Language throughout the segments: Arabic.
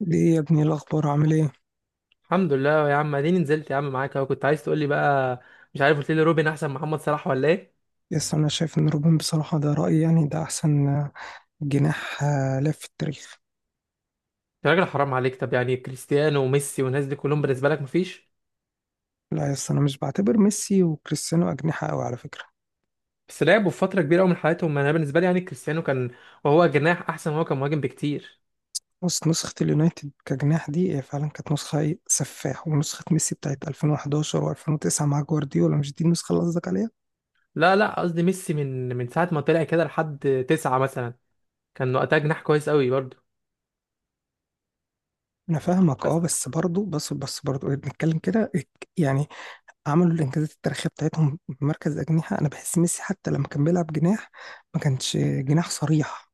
ليه يا ابني إيه الأخبار عامل ايه؟ الحمد لله يا عم، اديني نزلت يا عم معاك اهو. كنت عايز تقول لي بقى، مش عارف، قلت لي روبن احسن من محمد صلاح ولا ايه؟ يس، أنا شايف إن روبن بصراحة، ده رأيي يعني، ده أحسن جناح. لف في التاريخ. يا راجل حرام عليك. طب يعني كريستيانو وميسي والناس دي كلهم بالنسبه لك مفيش؟ لا يس، أنا مش بعتبر ميسي وكريستيانو أجنحة أوي على فكرة. بس لعبوا في فتره كبيره قوي من حياتهم. انا بالنسبه لي يعني كريستيانو كان وهو جناح احسن، وهو كان مهاجم بكتير. بص، نسخة اليونايتد كجناح دي هي فعلا كانت نسخة إيه؟ سفاح. ونسخة ميسي بتاعت 2011 و2009 مع جوارديولا، مش دي النسخة اللي قصدك عليها؟ لا لا، قصدي ميسي من ساعه ما طلع كده لحد تسعة مثلا كان وقتها جناح كويس قوي برضه. أنا فاهمك بس بس برضه، بس برضه إيه، بنتكلم كده إيه، يعني عملوا الإنجازات التاريخية بتاعتهم بمركز أجنحة. أنا بحس ميسي حتى لما كان بيلعب جناح، ما كانش جناح صريح،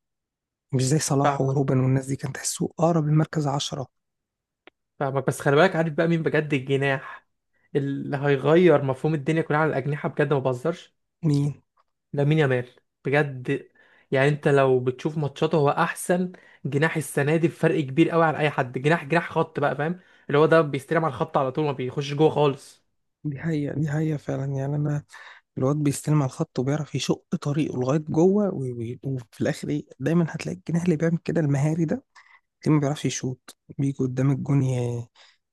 مش زي صلاح فاهمك، وروبن والناس دي، كان تحسه أقرب للمركز 10. فاهمك. بس خلي بالك، عارف بقى مين بجد الجناح اللي هيغير مفهوم الدنيا كلها على الاجنحه؟ بجد ما بهزرش، مين؟ لامين يامال، بجد. يعني انت لو بتشوف ماتشاته هو احسن جناح السنه دي بفرق كبير قوي عن اي حد. جناح جناح خط بقى، فاهم؟ اللي هو ده بيستلم على الخط على طول ما بيخش جوه خالص. دي حقيقة، دي حقيقة فعلا، يعني أنا الواد بيستلم على الخط وبيعرف يشق طريقه لغاية جوه، وفي الآخر إيه، دايما هتلاقي الجناح اللي بيعمل كده المهاري ده، تلاقيه ما بيعرفش يشوط، بيجي قدام الجون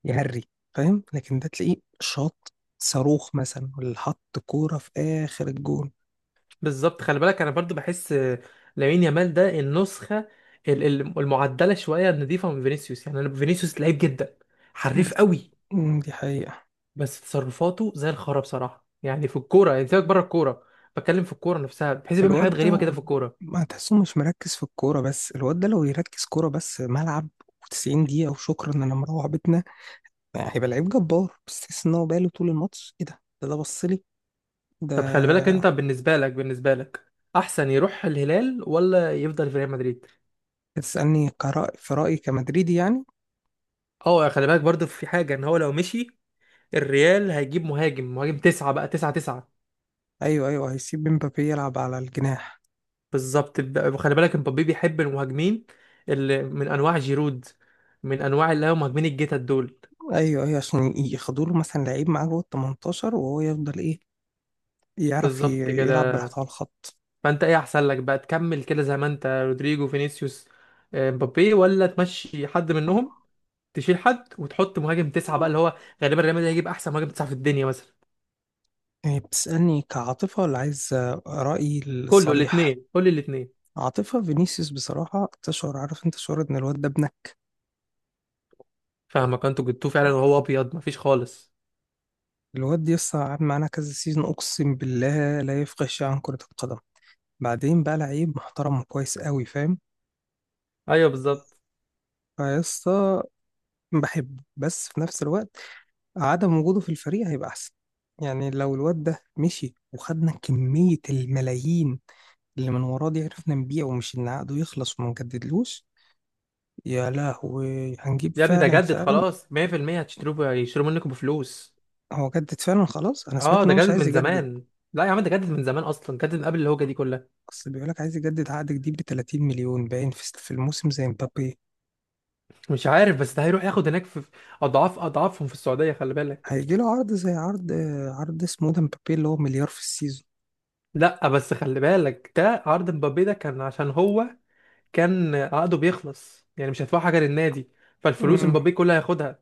يهري. فاهم؟ لكن ده تلاقيه شاط صاروخ مثلا، ولا حط كورة في آخر الجون. بالظبط. خلي بالك انا برضو بحس لامين يامال ده النسخه المعدله شويه النضيفه من فينيسيوس. يعني انا فينيسيوس لعيب جدا، ده- حريف قوي، دي حقيقة. بس تصرفاته زي الخرا بصراحه. يعني في الكوره، يعني سيبك بره الكوره، بتكلم في الكوره نفسها، بحيث بيعمل حاجات غريبه الواد كده في الكوره. ما تحسه مش مركز في الكورة، بس الواد ده لو يركز كورة بس، ملعب و90 دقيقة وشكرا إن أنا مروح بيتنا يعني، هيبقى لعيب جبار. بس تحس إن هو باله طول الماتش إيه، ده بص لي ده. طب خلي بالك انت، بالنسبه لك احسن يروح الهلال ولا يفضل في ريال مدريد؟ بتسألني كرأي؟ في رأيي كمدريدي يعني. اه. خلي بالك برضو في حاجه ان هو لو مشي الريال هيجيب مهاجم، مهاجم تسعة بقى، تسعة. أيوه أيوه، هيسيب مبابي يلعب على الجناح. بالظبط. خلي بالك مبابي بيحب المهاجمين اللي من انواع جيرود، من انواع اللي هم مهاجمين الجيتا دول. أيوه أيوه، عشان ياخدوا له مثلا لعيب معاه جوه ال 18، وهو يفضل إيه، يعرف بالظبط يلعب كده. براحته على الخط. فانت ايه احسن لك بقى؟ تكمل كده زي ما انت، رودريجو فينيسيوس مبابي، ولا تمشي حد منهم، تشيل حد وتحط مهاجم تسعة بقى، اللي هو غالبا ريال مدريد هيجيب احسن مهاجم تسعة في الدنيا مثلا. يعني بتسألني كعاطفة ولا عايز رأيي كله الصريح؟ الاثنين، كل الاثنين. عاطفة، فينيسيوس بصراحة تشعر، عارف انت شعور ان الواد ده ابنك؟ فاهمك، انتوا جبتوه فعلا وهو ابيض، مفيش خالص. الواد دي لسه قعد معانا كذا سيزون، اقسم بالله لا يفقه شيء عن كرة القدم. بعدين بقى لعيب محترم وكويس قوي، فاهم؟ ايوه بالظبط. فيسطا، بحبه، بس في نفس الوقت عدم وجوده في الفريق هيبقى احسن. يعني لو الواد ده مشي وخدنا كمية الملايين اللي من وراه دي، عرفنا نبيعه، ومش ان عقده يخلص وما نجددلوش، يا لهوي هنجيب، يا ابني ده فعلا جدد فعلا. خلاص 100%، هتشتروه، هيشتروا منكم بفلوس. هو جدد فعلا خلاص؟ انا سمعت اه ان ده هو مش جدد عايز من يجدد. زمان. لا يا عم، ده جدد من زمان اصلا، جدد من قبل الهوجه دي كلها. اصل بيقول لك عايز يجدد عقد جديد ب 30 مليون باين في في الموسم زي مبابي. مش عارف، بس ده هيروح ياخد هناك في اضعاف اضعافهم في السعوديه، خلي بالك. هيجي له عرض زي عرض، عرض اسمه ده مبابي، اللي هو مليار في السيزون. لا بس خلي بالك ده عرض مبابي، ده كان عشان هو كان عقده بيخلص، يعني مش هيدفع حاجه للنادي، فالفلوس امم، مبابي كلها هياخدها.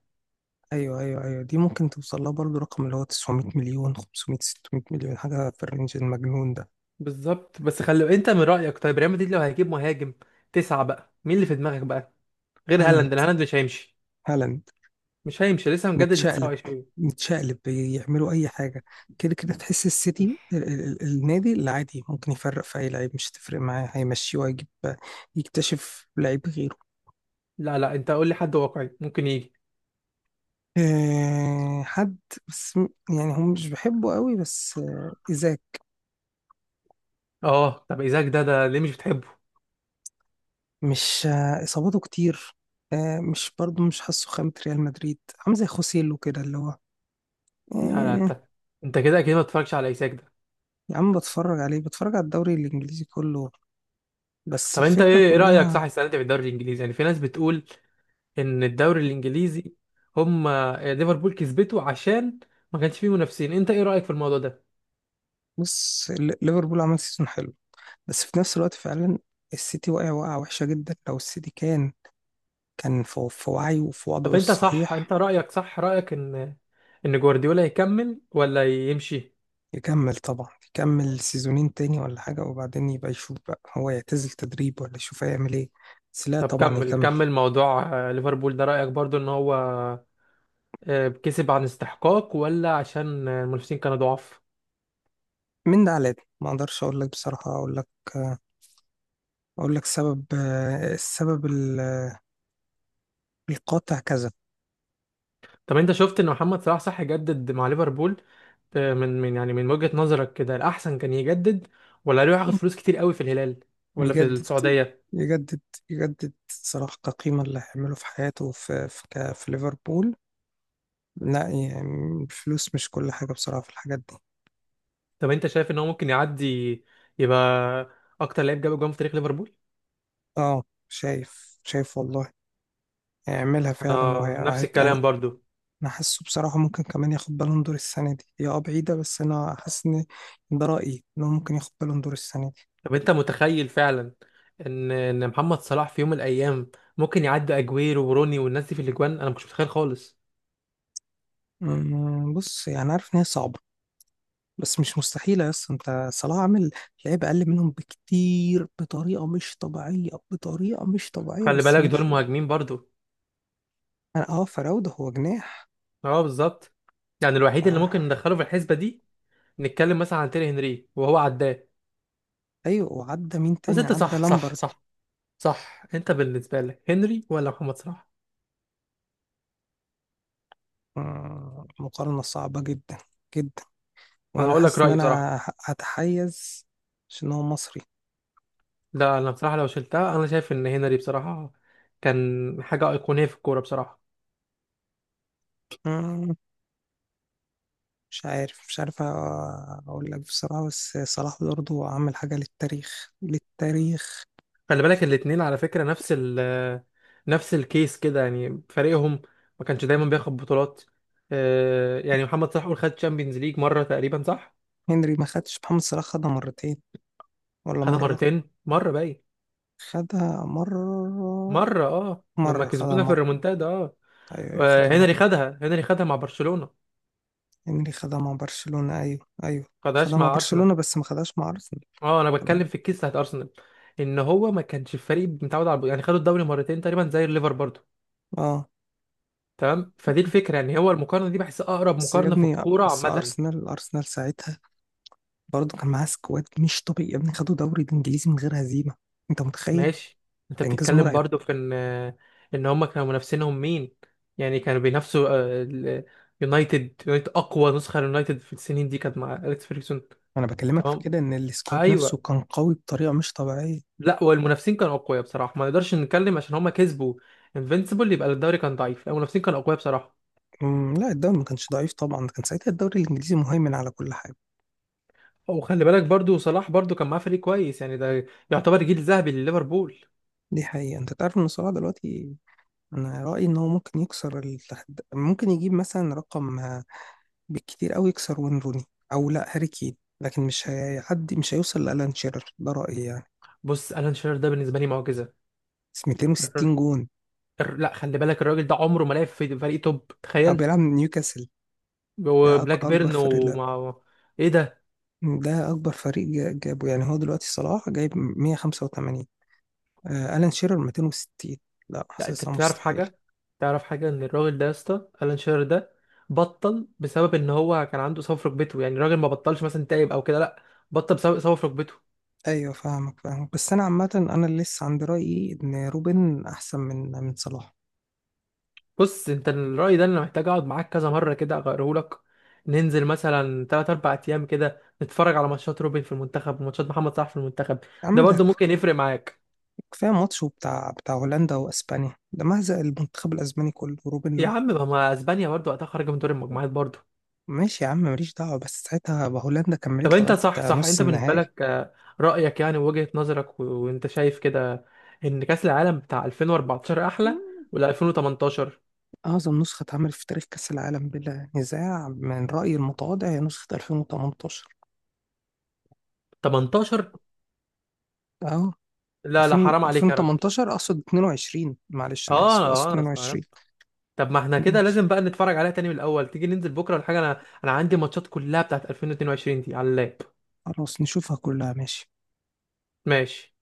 ايوه ايوه ايوه، دي ممكن توصل لها برضه، رقم اللي هو 900 مليون، 500، 600 مليون، حاجه في الرينج المجنون ده. بالظبط. بس خلي انت من رأيك، طيب ريال مدريد لو هيجيب مهاجم تسعة بقى مين اللي في دماغك بقى، غير هالاند هالاند، لأن هالاند مش هيمشي؟ هالاند. مش هيمشي، لسه مجدد ل نتشقلب، 29. نتشقلب يعملوا اي حاجه. كده كده تحس السيتي، النادي اللي عادي ممكن يفرق في اي لعيب، مش هتفرق معاه، هيمشيه وهيجيب، يكتشف لعيب. لا لا، انت قول لي حد واقعي ممكن يجي. حد، بس يعني هم مش بيحبوا قوي، بس إيزاك. اه طب ايزاك ده، ده ليه مش بتحبه؟ مش، إصاباته كتير. مش برضه مش حاسه خامة ريال مدريد، عامل زي خوسيلو كده اللي هو لا لا، آه، انت، انت كده اكيد ما بتتفرجش على ايزاك ده. يا عم بتفرج عليه، بتفرج على الدوري الإنجليزي كله، بس طب انت الفكرة ايه، ايه رأيك كلها. صح السنة دي في الدوري الانجليزي؟ يعني في ناس بتقول ان الدوري الانجليزي، هم ليفربول كسبته عشان ما كانش فيه منافسين. انت ايه رأيك في الموضوع ده؟ بص، ليفربول عمل سيزون حلو، بس في نفس الوقت فعلا السيتي واقع وقعة وحشة جدا، لو السيتي كان كان في في وعيه وفي طب وضعه انت صح، الصحيح. انت رأيك صح، رأيك ان ان جوارديولا يكمل ولا يمشي؟ يكمل طبعا، يكمل سيزونين تاني ولا حاجة، وبعدين يبقى يشوف بقى هو يعتزل تدريب ولا يشوف هيعمل ايه، بس لا طب طبعا كمل، يكمل. كمل موضوع ليفربول ده. رأيك برضو ان هو كسب عن استحقاق، ولا عشان المنافسين كانوا ضعاف؟ من ده على ده ما اقدرش اقول لك بصراحة، اقول لك، اقول لك سبب، السبب القاطع كذا. طب انت شفت ان محمد صلاح صح يجدد مع ليفربول، من يعني من وجهة نظرك كده الأحسن كان يجدد، ولا يروح ياخد فلوس كتير قوي في الهلال ولا في يجدد، السعودية؟ يجدد، يجدد صلاح كقيمة اللي هيعمله في حياته، في ليفربول. لا يعني الفلوس مش كل حاجة بصراحة في الحاجات دي. طب انت شايف ان هو ممكن يعدي، يبقى اكتر لعيب جاب جون في تاريخ ليفربول؟ اه، شايف شايف والله، هيعملها فعلا انا نفس وهي. الكلام انا برضو. حاسه بصراحه ممكن كمان ياخد بالون دور السنه دي، هي بعيده بس انا حاسس ان ده رايي، ان هو ممكن ياخد بالون دور السنه دي. طب انت متخيل فعلا ان ان محمد صلاح في يوم من الايام ممكن يعدي اجويرو وروني والناس دي في الاجوان؟ انا ما كنتش متخيل خالص. بص يعني، عارف ان هي صعبه بس مش مستحيله يا اسطى. انت صلاح عامل لعيبه اقل منهم بكتير بطريقه مش طبيعيه، بطريقه مش طبيعيه، خلي بس في بالك دول نفس الوقت مهاجمين برضو. انا فراوده هو جناح. اه بالظبط. يعني الوحيد اللي آه. ممكن ندخله في الحسبه دي نتكلم مثلا عن تيري هنري وهو عداه. ايوه، وعدى مين بس تاني؟ انت عدى صح صح لامبرد. صح، صح انت بالنسبه لك هنري ولا محمد صلاح؟ أمم، مقارنه صعبه جدا جدا، انا وانا هقول لك حاسس ان رايي بصراحه. انا هتحيز عشان هو لا انا بصراحه لو شلتها انا شايف ان هنري بصراحه كان حاجه ايقونيه في الكوره بصراحه. مصري. مش عارف، مش عارف اقول لك بصراحة، بس صلاح برضه عمل حاجة للتاريخ، للتاريخ. خلي بالك الاتنين على فكرة نفس ال نفس الكيس كده، يعني فريقهم ما كانش دايما بياخد بطولات. يعني محمد صلاح قول خد تشامبيونز ليج مرة تقريبا صح؟ هنري ما خدش، محمد صلاح خدها مرتين ولا خدها مرة؟ مرتين، مرة باين، خدها مرة، مرة اه لما مرة خدها كسبونا في مرة. الريمونتادا اه. ايوه، أيوة، خدها مرة. هنري خدها، هنري خدها مع برشلونة، هنري خدها مع برشلونة، ايوه ايوه. خدها خدهاش مع مع أرسنال. برشلونة بس ما خدهاش مع ارسنال. اه انا طب بتكلم في الكيس بتاعت أرسنال، ان هو ما كانش الفريق متعود على، يعني خدوا الدوري مرتين تقريبا زي الليفر برضه. اه تمام. فدي الفكرة، يعني هو المقارنة دي بحس أقرب بس يا مقارنة في ابني، الكورة بس عامة. ارسنال، ارسنال ساعتها برضه كان معاه سكواد مش طبيعي يا ابني، خدوا دوري الانجليزي من غير هزيمة، انت متخيل؟ ماشي. انت ده انجاز بتتكلم مرعب. برضو في ان، ان هم كانوا منافسينهم مين؟ يعني كانوا بينافسوا يونايتد، يونايتد اقوى نسخه ليونايتد في السنين دي كانت مع اليكس فيرجسون. انا بكلمك في تمام، كده ان السكواد نفسه ايوه. كان قوي بطريقه مش طبيعيه. لا والمنافسين كانوا اقوياء بصراحه، ما نقدرش نتكلم عشان هم كسبوا انفينسيبل يبقى الدوري كان ضعيف، لا، المنافسين كانوا اقوياء بصراحه. أمم، لا الدوري ما كانش ضعيف طبعا، كان ساعتها الدوري الانجليزي مهيمن على كل حاجه. وخلي بالك برضو صلاح برضو كان معاه فريق كويس، يعني ده يعتبر جيل ذهبي لليفربول. دي حقيقه. انت تعرف ان صلاح دلوقتي، انا رايي ان هو ممكن يكسر ممكن يجيب مثلا رقم، بالكتير قوي يكسر وين روني، او لا هاري كين، لكن مش هيعدي، مش هيوصل لالان شيرر، ده رايي يعني. بص الان شيرر ده بالنسبه لي معجزه. بس الر- 260 جون. لا خلي بالك الراجل ده عمره ما لعب في فريق توب، أو تخيل، بيلعب من نيوكاسل. ده وبلاك اكبر بيرن فريق. لا ومع ايه ده. ده اكبر فريق جابه. يعني هو دلوقتي صلاح جايب 185، ألان شيرر 260. لا لا انت حاسسها بتعرف مستحيلة. حاجه، تعرف حاجه ان الراجل ده يا اسطى الان شيرر ده بطل بسبب ان هو كان عنده إصابة في ركبته. يعني الراجل ما بطلش مثلا تعب او كده، لا، بطل بسبب اصابه في ركبته. أيوة فاهمك، فاهمك، بس أنا عامة أنا اللي لسه عند رأيي إن روبن أحسن من صلاح. بص انت الراي ده انا محتاج اقعد معاك كذا مره كده اغيره لك. ننزل مثلا 3 4 ايام كده نتفرج على ماتشات روبن في المنتخب وماتشات محمد صلاح في المنتخب، يا ده عم ده برضو ممكن يفرق معاك. كفاية ماتشه بتاع هولندا وأسبانيا ده مهزق المنتخب الأسباني كله، وروبن يا لوحده. عم، ما اسبانيا برضو وقتها خارجه من دور المجموعات برضو. ماشي يا عم ماليش دعوة، بس ساعتها هولندا طب كملت انت لغاية صح، صح نص انت بالنسبه النهائي. لك رايك، يعني وجهه نظرك وانت شايف كده ان كاس العالم بتاع 2014 احلى ولا 2018؟ أعظم نسخة اتعملت في تاريخ كأس العالم بلا نزاع من رأيي المتواضع هي نسخة 2018. 18؟ أهو لا لا، 2000، حرام عليك يا راجل. 2018 اقصد 22، معلش انا اسف اه اقصد اه، انا استغربت. 22. طب ما احنا كده لازم بقى نتفرج عليها تاني من الاول. تيجي ننزل بكره ولا حاجه؟ انا، انا عندي ماتشات كلها بتاعت 2022 دي على اللاب. خلاص نشوفها كلها، ماشي. ماشي.